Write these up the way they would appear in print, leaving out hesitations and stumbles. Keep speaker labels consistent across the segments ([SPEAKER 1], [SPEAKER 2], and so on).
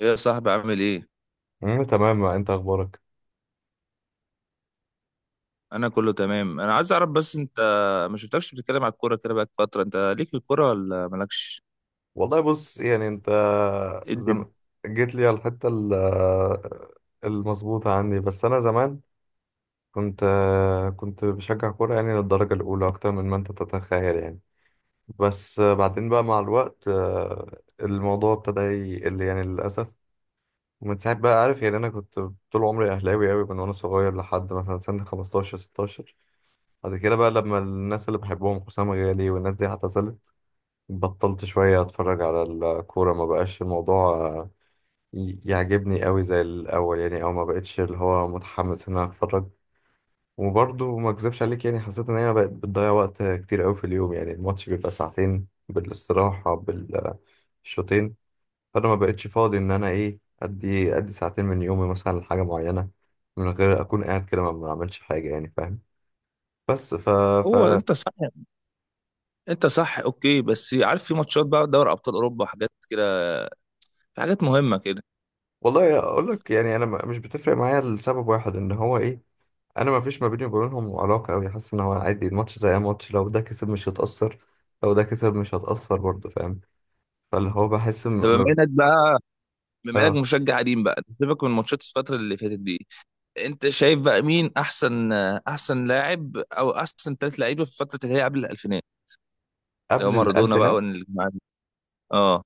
[SPEAKER 1] ايه يا صاحبي، عامل ايه؟
[SPEAKER 2] مم، تمام. انت اخبارك؟
[SPEAKER 1] انا كله تمام. انا عايز اعرف، بس انت ما شفتكش بتتكلم على الكوره كده بقى فتره. انت ليك في الكوره ولا مالكش؟
[SPEAKER 2] والله بص يعني انت
[SPEAKER 1] إيه الدنيا؟
[SPEAKER 2] زم... جيت لي على الحته المظبوطه عندي. بس انا زمان كنت كنت بشجع كوره يعني للدرجه الاولى اكتر من ما انت تتخيل يعني. بس بعدين بقى مع الوقت الموضوع ابتدى يقل يعني للاسف. ومن ساعه بقى، عارف يعني، انا كنت طول عمري اهلاوي قوي من وانا صغير لحد مثلا سن 15 16. بعد كده بقى لما الناس اللي بحبهم حسام غالي والناس دي اعتزلت، بطلت شوية أتفرج على الكورة. ما بقاش الموضوع يعجبني قوي زي الأول يعني، أو ما بقتش اللي هو متحمس إن أنا أتفرج. وبرضه ما أكذبش عليك، يعني حسيت إن هي بقت بتضيع وقت كتير قوي في اليوم. يعني الماتش بيبقى ساعتين بالاستراحة بالشوطين، فأنا ما بقتش فاضي إن أنا إيه أدي ساعتين من يومي مثلا لحاجة معينة من غير أكون قاعد كده ما بعملش حاجة، يعني فاهم؟ بس ف ف
[SPEAKER 1] هو انت صح انت صح، اوكي، بس عارف في ماتشات بقى دوري ابطال اوروبا وحاجات كده، في حاجات مهمه كده.
[SPEAKER 2] والله أقول لك، يعني أنا مش بتفرق معايا لسبب واحد، إن هو إيه، انا ما فيش ما بيني وبينهم علاقه قوي. حاسس ان هو عادي، الماتش زي اي ماتش، لو ده كسب مش هتاثر، لو ده كسب مش هتاثر برضه، فاهم؟ فاللي هو بحس
[SPEAKER 1] طب بما
[SPEAKER 2] م-
[SPEAKER 1] انك بقى بما انك
[SPEAKER 2] اه.
[SPEAKER 1] مشجع قديم بقى، سيبك من ماتشات الفتره اللي فاتت دي. انت شايف بقى مين احسن، احسن لاعب او احسن ثلاث لعيبه في الفتره اللي هي قبل الالفينات؟ اللي هو
[SPEAKER 2] قبل
[SPEAKER 1] مارادونا بقى
[SPEAKER 2] الالفينات،
[SPEAKER 1] والجماعه دي. اه،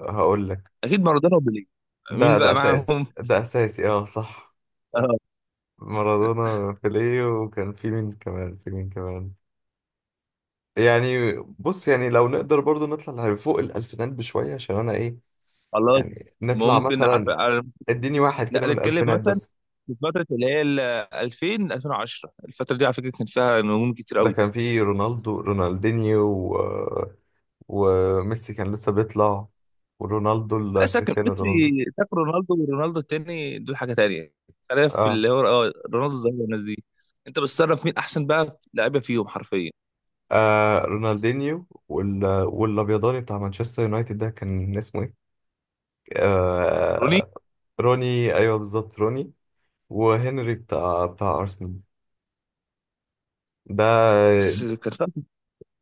[SPEAKER 2] هقول لك.
[SPEAKER 1] اكيد مارادونا وبيليه. مين
[SPEAKER 2] ده
[SPEAKER 1] بقى
[SPEAKER 2] اساسي،
[SPEAKER 1] معاهم؟
[SPEAKER 2] ده اساسي، اه صح. مارادونا، بيليه، وكان في مين كمان؟ في مين كمان يعني؟ بص يعني لو نقدر برضه نطلع فوق الالفينات بشويه عشان انا ايه.
[SPEAKER 1] خلاص.
[SPEAKER 2] يعني نطلع
[SPEAKER 1] ممكن عارف
[SPEAKER 2] مثلا،
[SPEAKER 1] عارف-
[SPEAKER 2] اديني واحد كده
[SPEAKER 1] لا،
[SPEAKER 2] من
[SPEAKER 1] نتكلم
[SPEAKER 2] الالفينات
[SPEAKER 1] مثلا
[SPEAKER 2] بس.
[SPEAKER 1] في فتره اللي هي ال 2000 2010. الفتره دي على فكره كان فيها نجوم كتير
[SPEAKER 2] ده
[SPEAKER 1] قوي.
[SPEAKER 2] كان فيه رونالدو، رونالدينيو. وميسي كان لسه بيطلع. ورونالدو
[SPEAKER 1] لا ساكن،
[SPEAKER 2] كريستيانو
[SPEAKER 1] بس
[SPEAKER 2] رونالدو.
[SPEAKER 1] ساكن، رونالدو ورونالدو التاني دول حاجه تانية. خلينا في
[SPEAKER 2] اه،
[SPEAKER 1] اللي هو اه، رونالدو الظاهره والناس دي. انت بتصنف مين احسن بقى لعيبه فيهم حرفيا؟
[SPEAKER 2] آه رونالدينيو والابيضاني بتاع مانشستر يونايتد، ده كان اسمه ايه؟
[SPEAKER 1] روني.
[SPEAKER 2] آه، روني. ايوه بالظبط، روني. وهنري بتاع ارسنال. ده،
[SPEAKER 1] بس كان في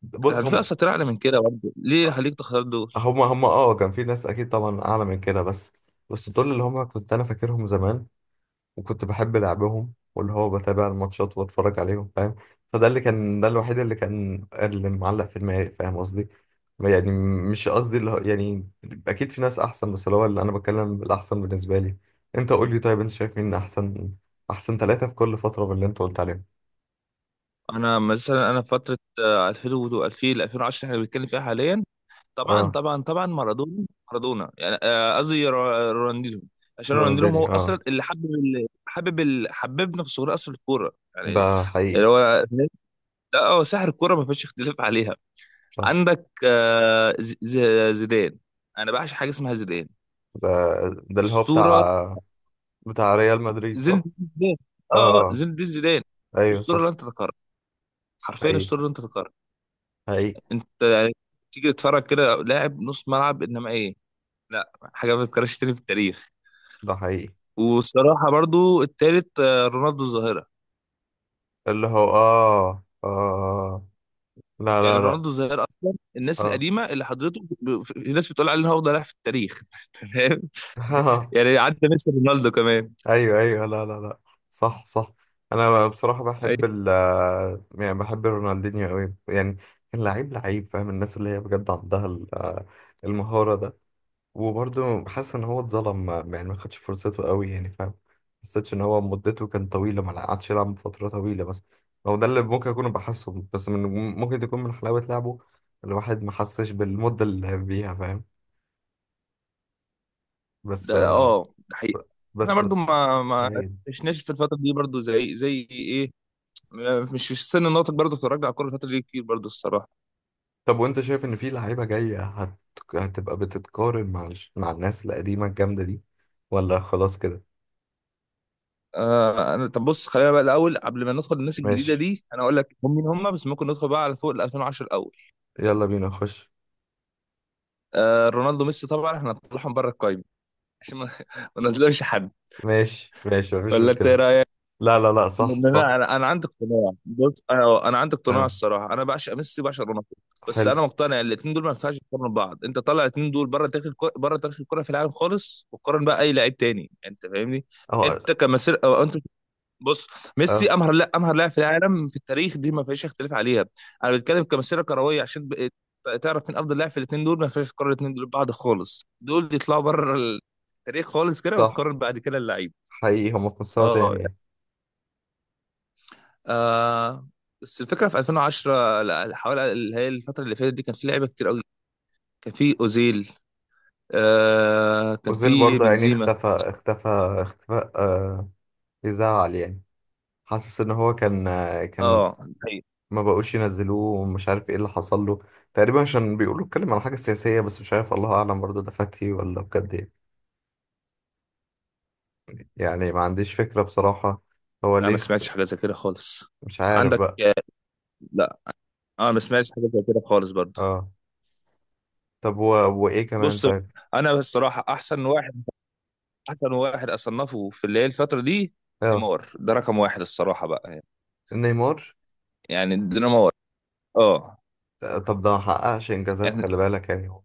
[SPEAKER 2] بص،
[SPEAKER 1] كان في
[SPEAKER 2] هم
[SPEAKER 1] اصلا اعلى من كده برضه، ليه خليك تختار دول؟
[SPEAKER 2] هم هم اه كان في ناس اكيد طبعا اعلى من كده، بس دول اللي هم كنت انا فاكرهم زمان، وكنت بحب لعبهم، واللي هو بتابع الماتشات واتفرج عليهم، فاهم؟ فده اللي كان، ده الوحيد اللي كان، اللي معلق في دماغي، فاهم قصدي يعني. مش قصدي اللي هو يعني، اكيد في ناس احسن، بس اللي هو اللي انا بتكلم بالاحسن بالنسبه لي. انت قول لي طيب، انت شايف مين احسن؟ احسن ثلاثه في كل فتره باللي انت قلت عليهم.
[SPEAKER 1] انا مثلا في فتره 2000 و 2000 2010 احنا بنتكلم فيها حاليا. طبعا
[SPEAKER 2] اه،
[SPEAKER 1] طبعا طبعا، مارادونا، مارادونا يعني، قصدي رونالدينو. عشان رونالدينو هو
[SPEAKER 2] رونالدينيو، اه،
[SPEAKER 1] اصلا اللي حببنا في صغري اصلا الكوره يعني.
[SPEAKER 2] ده حقيقي.
[SPEAKER 1] اللي هو، لا، هو سحر الكوره، ما فيش اختلاف عليها.
[SPEAKER 2] صح.
[SPEAKER 1] عندك زيدان، انا بعشق حاجه اسمها زيدان.
[SPEAKER 2] ده ده اللي هو
[SPEAKER 1] اسطوره.
[SPEAKER 2] بتاع ريال مدريد
[SPEAKER 1] زين الدين
[SPEAKER 2] صح.
[SPEAKER 1] زيدان. اه،
[SPEAKER 2] اه آه.
[SPEAKER 1] زين الدين زيدان.
[SPEAKER 2] ايوه صح.
[SPEAKER 1] اسطوره لن تتكرر.
[SPEAKER 2] صح.
[SPEAKER 1] حرفيا
[SPEAKER 2] حقيقي.
[SPEAKER 1] اسطوره لن تتكرر.
[SPEAKER 2] حقيقي.
[SPEAKER 1] انت يعني تيجي تتفرج كده لاعب نص ملعب انما ايه. لا، حاجه ما تتكررش تاني في التاريخ.
[SPEAKER 2] ده حقيقي.
[SPEAKER 1] والصراحة برضو التالت رونالدو الظاهرة.
[SPEAKER 2] اللي هو، لا
[SPEAKER 1] يعني
[SPEAKER 2] لا لا.
[SPEAKER 1] رونالدو الظاهرة أصلا الناس
[SPEAKER 2] آه.
[SPEAKER 1] القديمة اللي حضرته في ناس بتقول عليه إن هو أفضل لاعب في التاريخ. تمام. يعني عدى ميسي رونالدو كمان.
[SPEAKER 2] أيوه أيوه، لا لا لا، صح صح. أنا بصراحة
[SPEAKER 1] أي،
[SPEAKER 2] بحب ال، يعني بحب رونالدينيو أوي يعني. كان لعيب، لعيب، فاهم؟ الناس اللي هي بجد عندها المهارة ده. وبرضه حاسس إن هو اتظلم يعني، ما خدش فرصته أوي يعني، فاهم؟ حسيتش إن هو مدته كانت طويلة، ما قعدش يلعب فترة طويلة. بس هو ده اللي ممكن أكون بحسه، بس من، ممكن يكون من حلاوة لعبه الواحد ما حسش بالمدة اللي لعب بيها، فاهم؟ بس
[SPEAKER 1] ده ده حقيقة. إحنا
[SPEAKER 2] بس
[SPEAKER 1] برضو
[SPEAKER 2] بس
[SPEAKER 1] ما ما
[SPEAKER 2] تمام.
[SPEAKER 1] عشناش في الفترة دي برضو زي زي إيه، مش في السن الناطق، برضو اتفرجنا على الكورة الفترة دي كتير برضو الصراحة.
[SPEAKER 2] طب وانت شايف ان في لعيبه جايه هتبقى بتتقارن مع مع الناس القديمه الجامده دي ولا خلاص كده؟
[SPEAKER 1] أنا، طب بص، خلينا بقى الأول قبل ما ندخل الناس الجديدة
[SPEAKER 2] ماشي.
[SPEAKER 1] دي، أنا أقول لك هم مين هم، بس ممكن ندخل بقى على فوق ال 2010 الأول.
[SPEAKER 2] يلا بينا نخش.
[SPEAKER 1] رونالدو، ميسي، طبعا إحنا هنطلعهم بره القايمة عشان ما ما نظلمش حد.
[SPEAKER 2] ماشي ماشي، مفيش
[SPEAKER 1] ولا انت ايه
[SPEAKER 2] مشكله.
[SPEAKER 1] رايك؟
[SPEAKER 2] لا لا لا، صح
[SPEAKER 1] لا،
[SPEAKER 2] صح.
[SPEAKER 1] انا عندي اقتناع. بص، انا عندي اقتناع
[SPEAKER 2] اه
[SPEAKER 1] الصراحه، انا بعشق ميسي وبعشق رونالدو، بس
[SPEAKER 2] حلو.
[SPEAKER 1] انا مقتنع الاثنين دول ما ينفعش يقارنوا ببعض. انت طلع الاثنين دول بره تاريخ الكره، بره تاريخ الكره في العالم خالص، وقارن بقى اي لعيب تاني، يعني انت فاهمني؟
[SPEAKER 2] اه
[SPEAKER 1] انت كمسير او انت، بص،
[SPEAKER 2] اه
[SPEAKER 1] ميسي امهر، لا، امهر لاعب في العالم في التاريخ دي ما فيش اختلاف عليها. انا بتكلم كمسيره كرويه عشان تعرف مين افضل لاعب في الاثنين دول. ما فيش تقارن الاثنين دول ببعض خالص. دول يطلعوا بره التاريخ خالص كده،
[SPEAKER 2] صح،
[SPEAKER 1] وتقارن بعد كده اللعيب.
[SPEAKER 2] حقيقي. هم في مستوى
[SPEAKER 1] اه،
[SPEAKER 2] تاني يعني.
[SPEAKER 1] آه، بس الفكره في 2010، لا، حوالي اللي هي الفتره اللي فاتت دي كان في لعيبه كتير قوي. كان في اوزيل، آه، كان
[SPEAKER 2] اوزيل
[SPEAKER 1] في
[SPEAKER 2] برضه يعني
[SPEAKER 1] بنزيما.
[SPEAKER 2] اختفى، اختفى، اختفى. آه يزعل يعني. حاسس ان هو كان كان
[SPEAKER 1] اه، حقيقي.
[SPEAKER 2] ما بقوش ينزلوه ومش عارف ايه اللي حصل له. تقريبا عشان بيقولوا اتكلم على حاجة سياسية، بس مش عارف، الله اعلم، برضه ده فاتي ولا بجد ايه يعني، ما عنديش فكرة بصراحة. هو
[SPEAKER 1] انا
[SPEAKER 2] ليه
[SPEAKER 1] ما سمعتش حاجه زي كده خالص.
[SPEAKER 2] مش عارف
[SPEAKER 1] عندك
[SPEAKER 2] بقى.
[SPEAKER 1] لا، انا ما سمعتش حاجه زي كده خالص برضو.
[SPEAKER 2] اه. طب وايه كمان
[SPEAKER 1] بص،
[SPEAKER 2] طيب.
[SPEAKER 1] انا الصراحه احسن واحد، احسن واحد اصنفه في اللي هي الفتره دي
[SPEAKER 2] اه
[SPEAKER 1] نيمار. ده رقم واحد الصراحه بقى يعني.
[SPEAKER 2] نيمار.
[SPEAKER 1] يعني دينامار. اه،
[SPEAKER 2] طب ده ما حققش انجازات،
[SPEAKER 1] يعني
[SPEAKER 2] خلي بالك يعني، هو.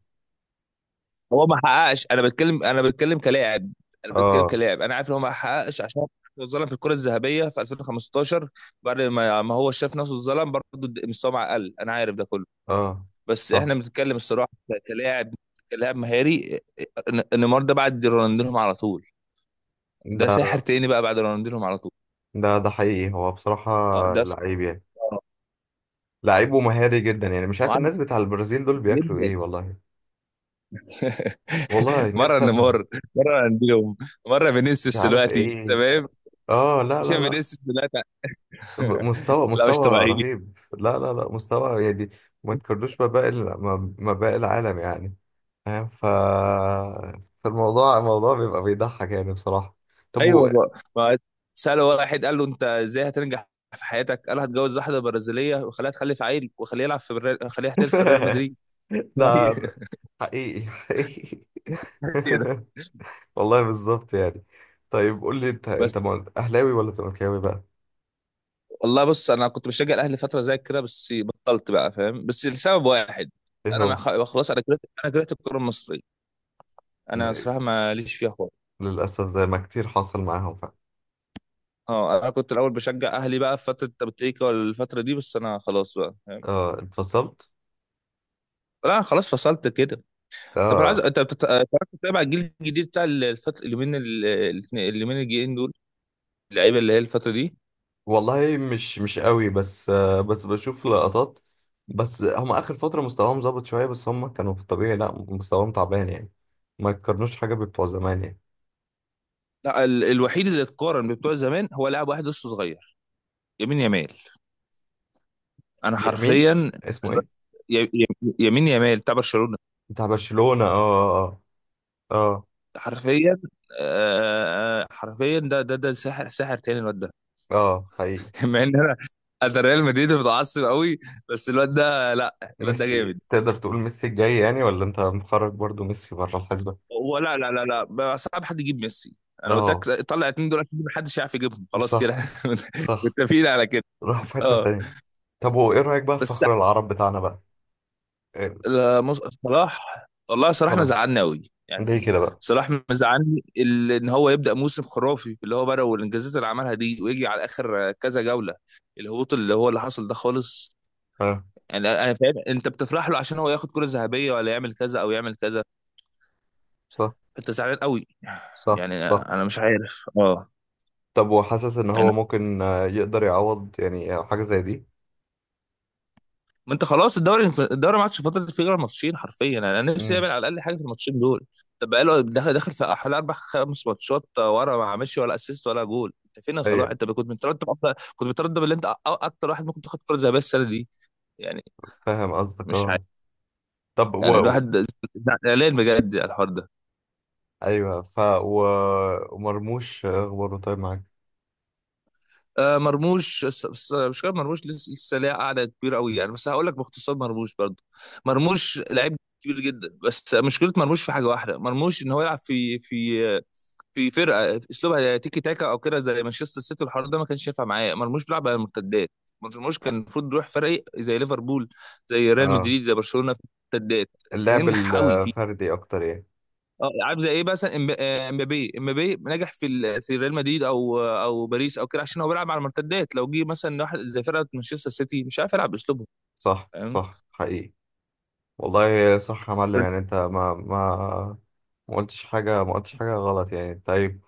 [SPEAKER 1] هو ما حققش. انا بتكلم كلاعب. انا بتكلم
[SPEAKER 2] اه
[SPEAKER 1] كلاعب، انا عارف ان هو ما حققش عشان هو اتظلم في الكره الذهبيه في 2015، بعد ما هو شاف نفسه اتظلم برضه مستواه مع اقل، انا عارف ده كله.
[SPEAKER 2] اه
[SPEAKER 1] بس
[SPEAKER 2] صح.
[SPEAKER 1] احنا بنتكلم الصراحه كلاعب. كلاعب مهاري. نيمار ده بعد رونالدينهم على طول. ده ساحر
[SPEAKER 2] ده
[SPEAKER 1] تاني بقى بعد رونالدينهم على طول.
[SPEAKER 2] ده حقيقي، هو بصراحة
[SPEAKER 1] اه،
[SPEAKER 2] لعيب يعني،
[SPEAKER 1] آه،
[SPEAKER 2] لعيب ومهاري جدا يعني. مش عارف
[SPEAKER 1] وعنده
[SPEAKER 2] الناس بتاع البرازيل دول بياكلوا ايه،
[SPEAKER 1] جدا.
[SPEAKER 2] والله. والله
[SPEAKER 1] مره
[SPEAKER 2] نفسي افهم.
[SPEAKER 1] نيمار، مره رونالدينهم، مره
[SPEAKER 2] مش
[SPEAKER 1] فينيسيوس
[SPEAKER 2] عارف
[SPEAKER 1] دلوقتي،
[SPEAKER 2] ايه.
[SPEAKER 1] تمام.
[SPEAKER 2] اه لا لا
[SPEAKER 1] شايف
[SPEAKER 2] لا.
[SPEAKER 1] فينيسيوس دلوقتي؟
[SPEAKER 2] مستوى
[SPEAKER 1] لا مش
[SPEAKER 2] مستوى
[SPEAKER 1] طبيعي.
[SPEAKER 2] رهيب. لا لا لا، مستوى يعني ما تقارنوش ما باقي ما باقي العالم يعني. فاهم؟ فالموضوع، الموضوع بيبقى بيضحك يعني بصراحة. طب
[SPEAKER 1] ايوه بقى، ما سأله واحد قال له انت ازاي هتنجح في حياتك؟ قال له هتجوز واحده برازيليه وخليها تخلف عيل وخليه يلعب في خليه يحترف في ريال مدريد.
[SPEAKER 2] ده ده حقيقي، حقيقي.
[SPEAKER 1] هي ده.
[SPEAKER 2] والله بالظبط يعني. طيب قول لي انت
[SPEAKER 1] بس،
[SPEAKER 2] اهلاوي ولا زملكاوي بقى؟
[SPEAKER 1] والله بص، انا كنت بشجع الاهلي فتره زي كده بس بطلت بقى فاهم، بس لسبب واحد.
[SPEAKER 2] ايه
[SPEAKER 1] انا ما
[SPEAKER 2] هو؟
[SPEAKER 1] خ- خلاص، انا كرهت الكوره المصريه. انا صراحه ما ليش فيها خالص.
[SPEAKER 2] للاسف زي ما كتير حصل معاهم
[SPEAKER 1] اه انا كنت الاول بشجع اهلي بقى في فتره تبتيكا والفتره دي، بس انا خلاص بقى فاهم.
[SPEAKER 2] اه اتفصلت.
[SPEAKER 1] لا أنا خلاص فصلت كده. طب انا عايز،
[SPEAKER 2] اه.
[SPEAKER 1] انت بتعرف تتابع الجيل الجديد بتاع الفتره اليومين الجايين دول، اللعيبه اللي هي الفتره دي؟
[SPEAKER 2] والله مش قوي بس بس بشوف لقطات. بس هم اخر فتره مستواهم ظبط شويه، بس هم كانوا في الطبيعي لا، مستواهم تعبان يعني، ما يتقارنوش حاجه ببتوع زمان يعني.
[SPEAKER 1] لا الوحيد اللي اتقارن ببتوع زمان هو لاعب واحد لسه صغير، يمين يمال. انا
[SPEAKER 2] مين؟
[SPEAKER 1] حرفيا
[SPEAKER 2] اسمه ايه؟
[SPEAKER 1] ي- ي- يمين يمال بتاع برشلونه.
[SPEAKER 2] بتاع برشلونه، اه اه
[SPEAKER 1] حرفيا حرفيا ده ده ساحر، ساحر تاني الواد ده.
[SPEAKER 2] اه، اه حقيقي.
[SPEAKER 1] مع ان انا، انا ريال مدريد متعصب قوي، بس الواد ده، لا، الواد ده
[SPEAKER 2] ميسي
[SPEAKER 1] جامد.
[SPEAKER 2] تقدر تقول ميسي الجاي يعني، ولا انت مخرج برضو ميسي بره الحسبه؟
[SPEAKER 1] ولا لا لا لا، بقى صعب حد يجيب ميسي، انا قلت
[SPEAKER 2] اه
[SPEAKER 1] لك طلع اتنين دول عشان محدش يعرف يجيبهم خلاص كده.
[SPEAKER 2] صح صح.
[SPEAKER 1] متفقين على كده.
[SPEAKER 2] راح في حته
[SPEAKER 1] اه،
[SPEAKER 2] تانيه. طب وايه رايك بقى في
[SPEAKER 1] بس،
[SPEAKER 2] فخر العرب بتاعنا بقى؟ إيه،
[SPEAKER 1] لا، صلاح. والله صلاح
[SPEAKER 2] صلاح؟
[SPEAKER 1] مزعلني قوي. يعني
[SPEAKER 2] ليه كده بقى؟
[SPEAKER 1] صلاح مزعلني ان هو يبدا موسم خرافي اللي هو بدا والانجازات اللي عملها دي ويجي على اخر كذا جوله الهبوط اللي هو اللي حصل ده خالص.
[SPEAKER 2] اه
[SPEAKER 1] يعني انا، أنا فاهم انت بتفرح له عشان هو ياخد كره ذهبيه ولا يعمل كذا او يعمل كذا،
[SPEAKER 2] صح
[SPEAKER 1] انت زعلان قوي.
[SPEAKER 2] صح
[SPEAKER 1] يعني
[SPEAKER 2] صح.
[SPEAKER 1] انا مش عارف، اه.
[SPEAKER 2] طب وحاسس ان هو ممكن يقدر يعوض يعني حاجة زي دي؟
[SPEAKER 1] ما انت خلاص، الدوري، الدوري ما عادش فاضل فيه غير ماتشين حرفيا، يعني انا نفسي
[SPEAKER 2] امم،
[SPEAKER 1] يعمل على الاقل حاجه في الماتشين دول. طب بقاله داخل في حوالي اربع خمس ماتشات ورا ما عملش ولا اسيست ولا جول. انت فين يا صلاح؟
[SPEAKER 2] ايوه،
[SPEAKER 1] انت كنت مترتب اكتر، كنت مترتب اللي انت اكتر واحد ممكن تاخد كره ذهبيه السنه دي. يعني
[SPEAKER 2] فاهم قصدك
[SPEAKER 1] مش عارف.
[SPEAKER 2] اه. طب
[SPEAKER 1] يعني الواحد زعلان بجد على الحوار ده.
[SPEAKER 2] ايوه. ومرموش اخباره طيب معاك؟
[SPEAKER 1] آه مرموش، مش كده. مرموش لسه ليها قاعده كبيره قوي يعني، بس هقول لك باختصار مرموش برضه، مرموش لعيب كبير جدا، بس مشكله مرموش في حاجه واحده، مرموش ان هو يلعب في في فرقه اسلوبها تيكي تاكا او كده زي مانشستر سيتي والحوار ده ما كانش ينفع معايا. مرموش بيلعب على المرتدات. مرموش كان المفروض يروح فريق زي ليفربول، زي ريال
[SPEAKER 2] اه
[SPEAKER 1] مدريد، زي برشلونه في المرتدات. كان
[SPEAKER 2] اللعب
[SPEAKER 1] هينجح قوي فيه.
[SPEAKER 2] الفردي اكتر يعني.
[SPEAKER 1] اه عارف زي ايه مثلا امبابي. امبابي نجح في في ريال مدريد او باريس او كده عشان هو بيلعب على المرتدات. لو جه مثلا واحد زي فرقه مانشستر سيتي مش عارف يلعب باسلوبهم،
[SPEAKER 2] صح
[SPEAKER 1] فاهم؟
[SPEAKER 2] صح حقيقي. والله صح يا
[SPEAKER 1] ف-
[SPEAKER 2] معلم. يعني انت ما قلتش حاجة، ما قلتش حاجة غلط يعني. طيب.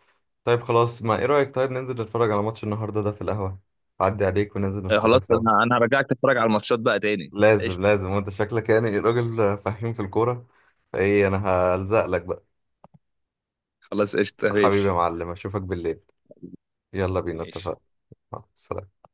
[SPEAKER 2] طيب خلاص ما، ايه رأيك، طيب ننزل نتفرج على ماتش النهاردة ده في القهوة؟ عدي عليك وننزل نتفرج
[SPEAKER 1] خلاص،
[SPEAKER 2] سوا.
[SPEAKER 1] انا هرجعك تتفرج على الماتشات بقى تاني.
[SPEAKER 2] لازم
[SPEAKER 1] قشطه.
[SPEAKER 2] لازم. وانت شكلك يعني راجل فاهم في الكورة. ايه انا هلزق لك بقى.
[SPEAKER 1] خلاص، قشطه،
[SPEAKER 2] حبيبي يا
[SPEAKER 1] ماشي
[SPEAKER 2] معلم، اشوفك بالليل. يلا بينا،
[SPEAKER 1] ماشي.
[SPEAKER 2] اتفقنا. مع السلامة.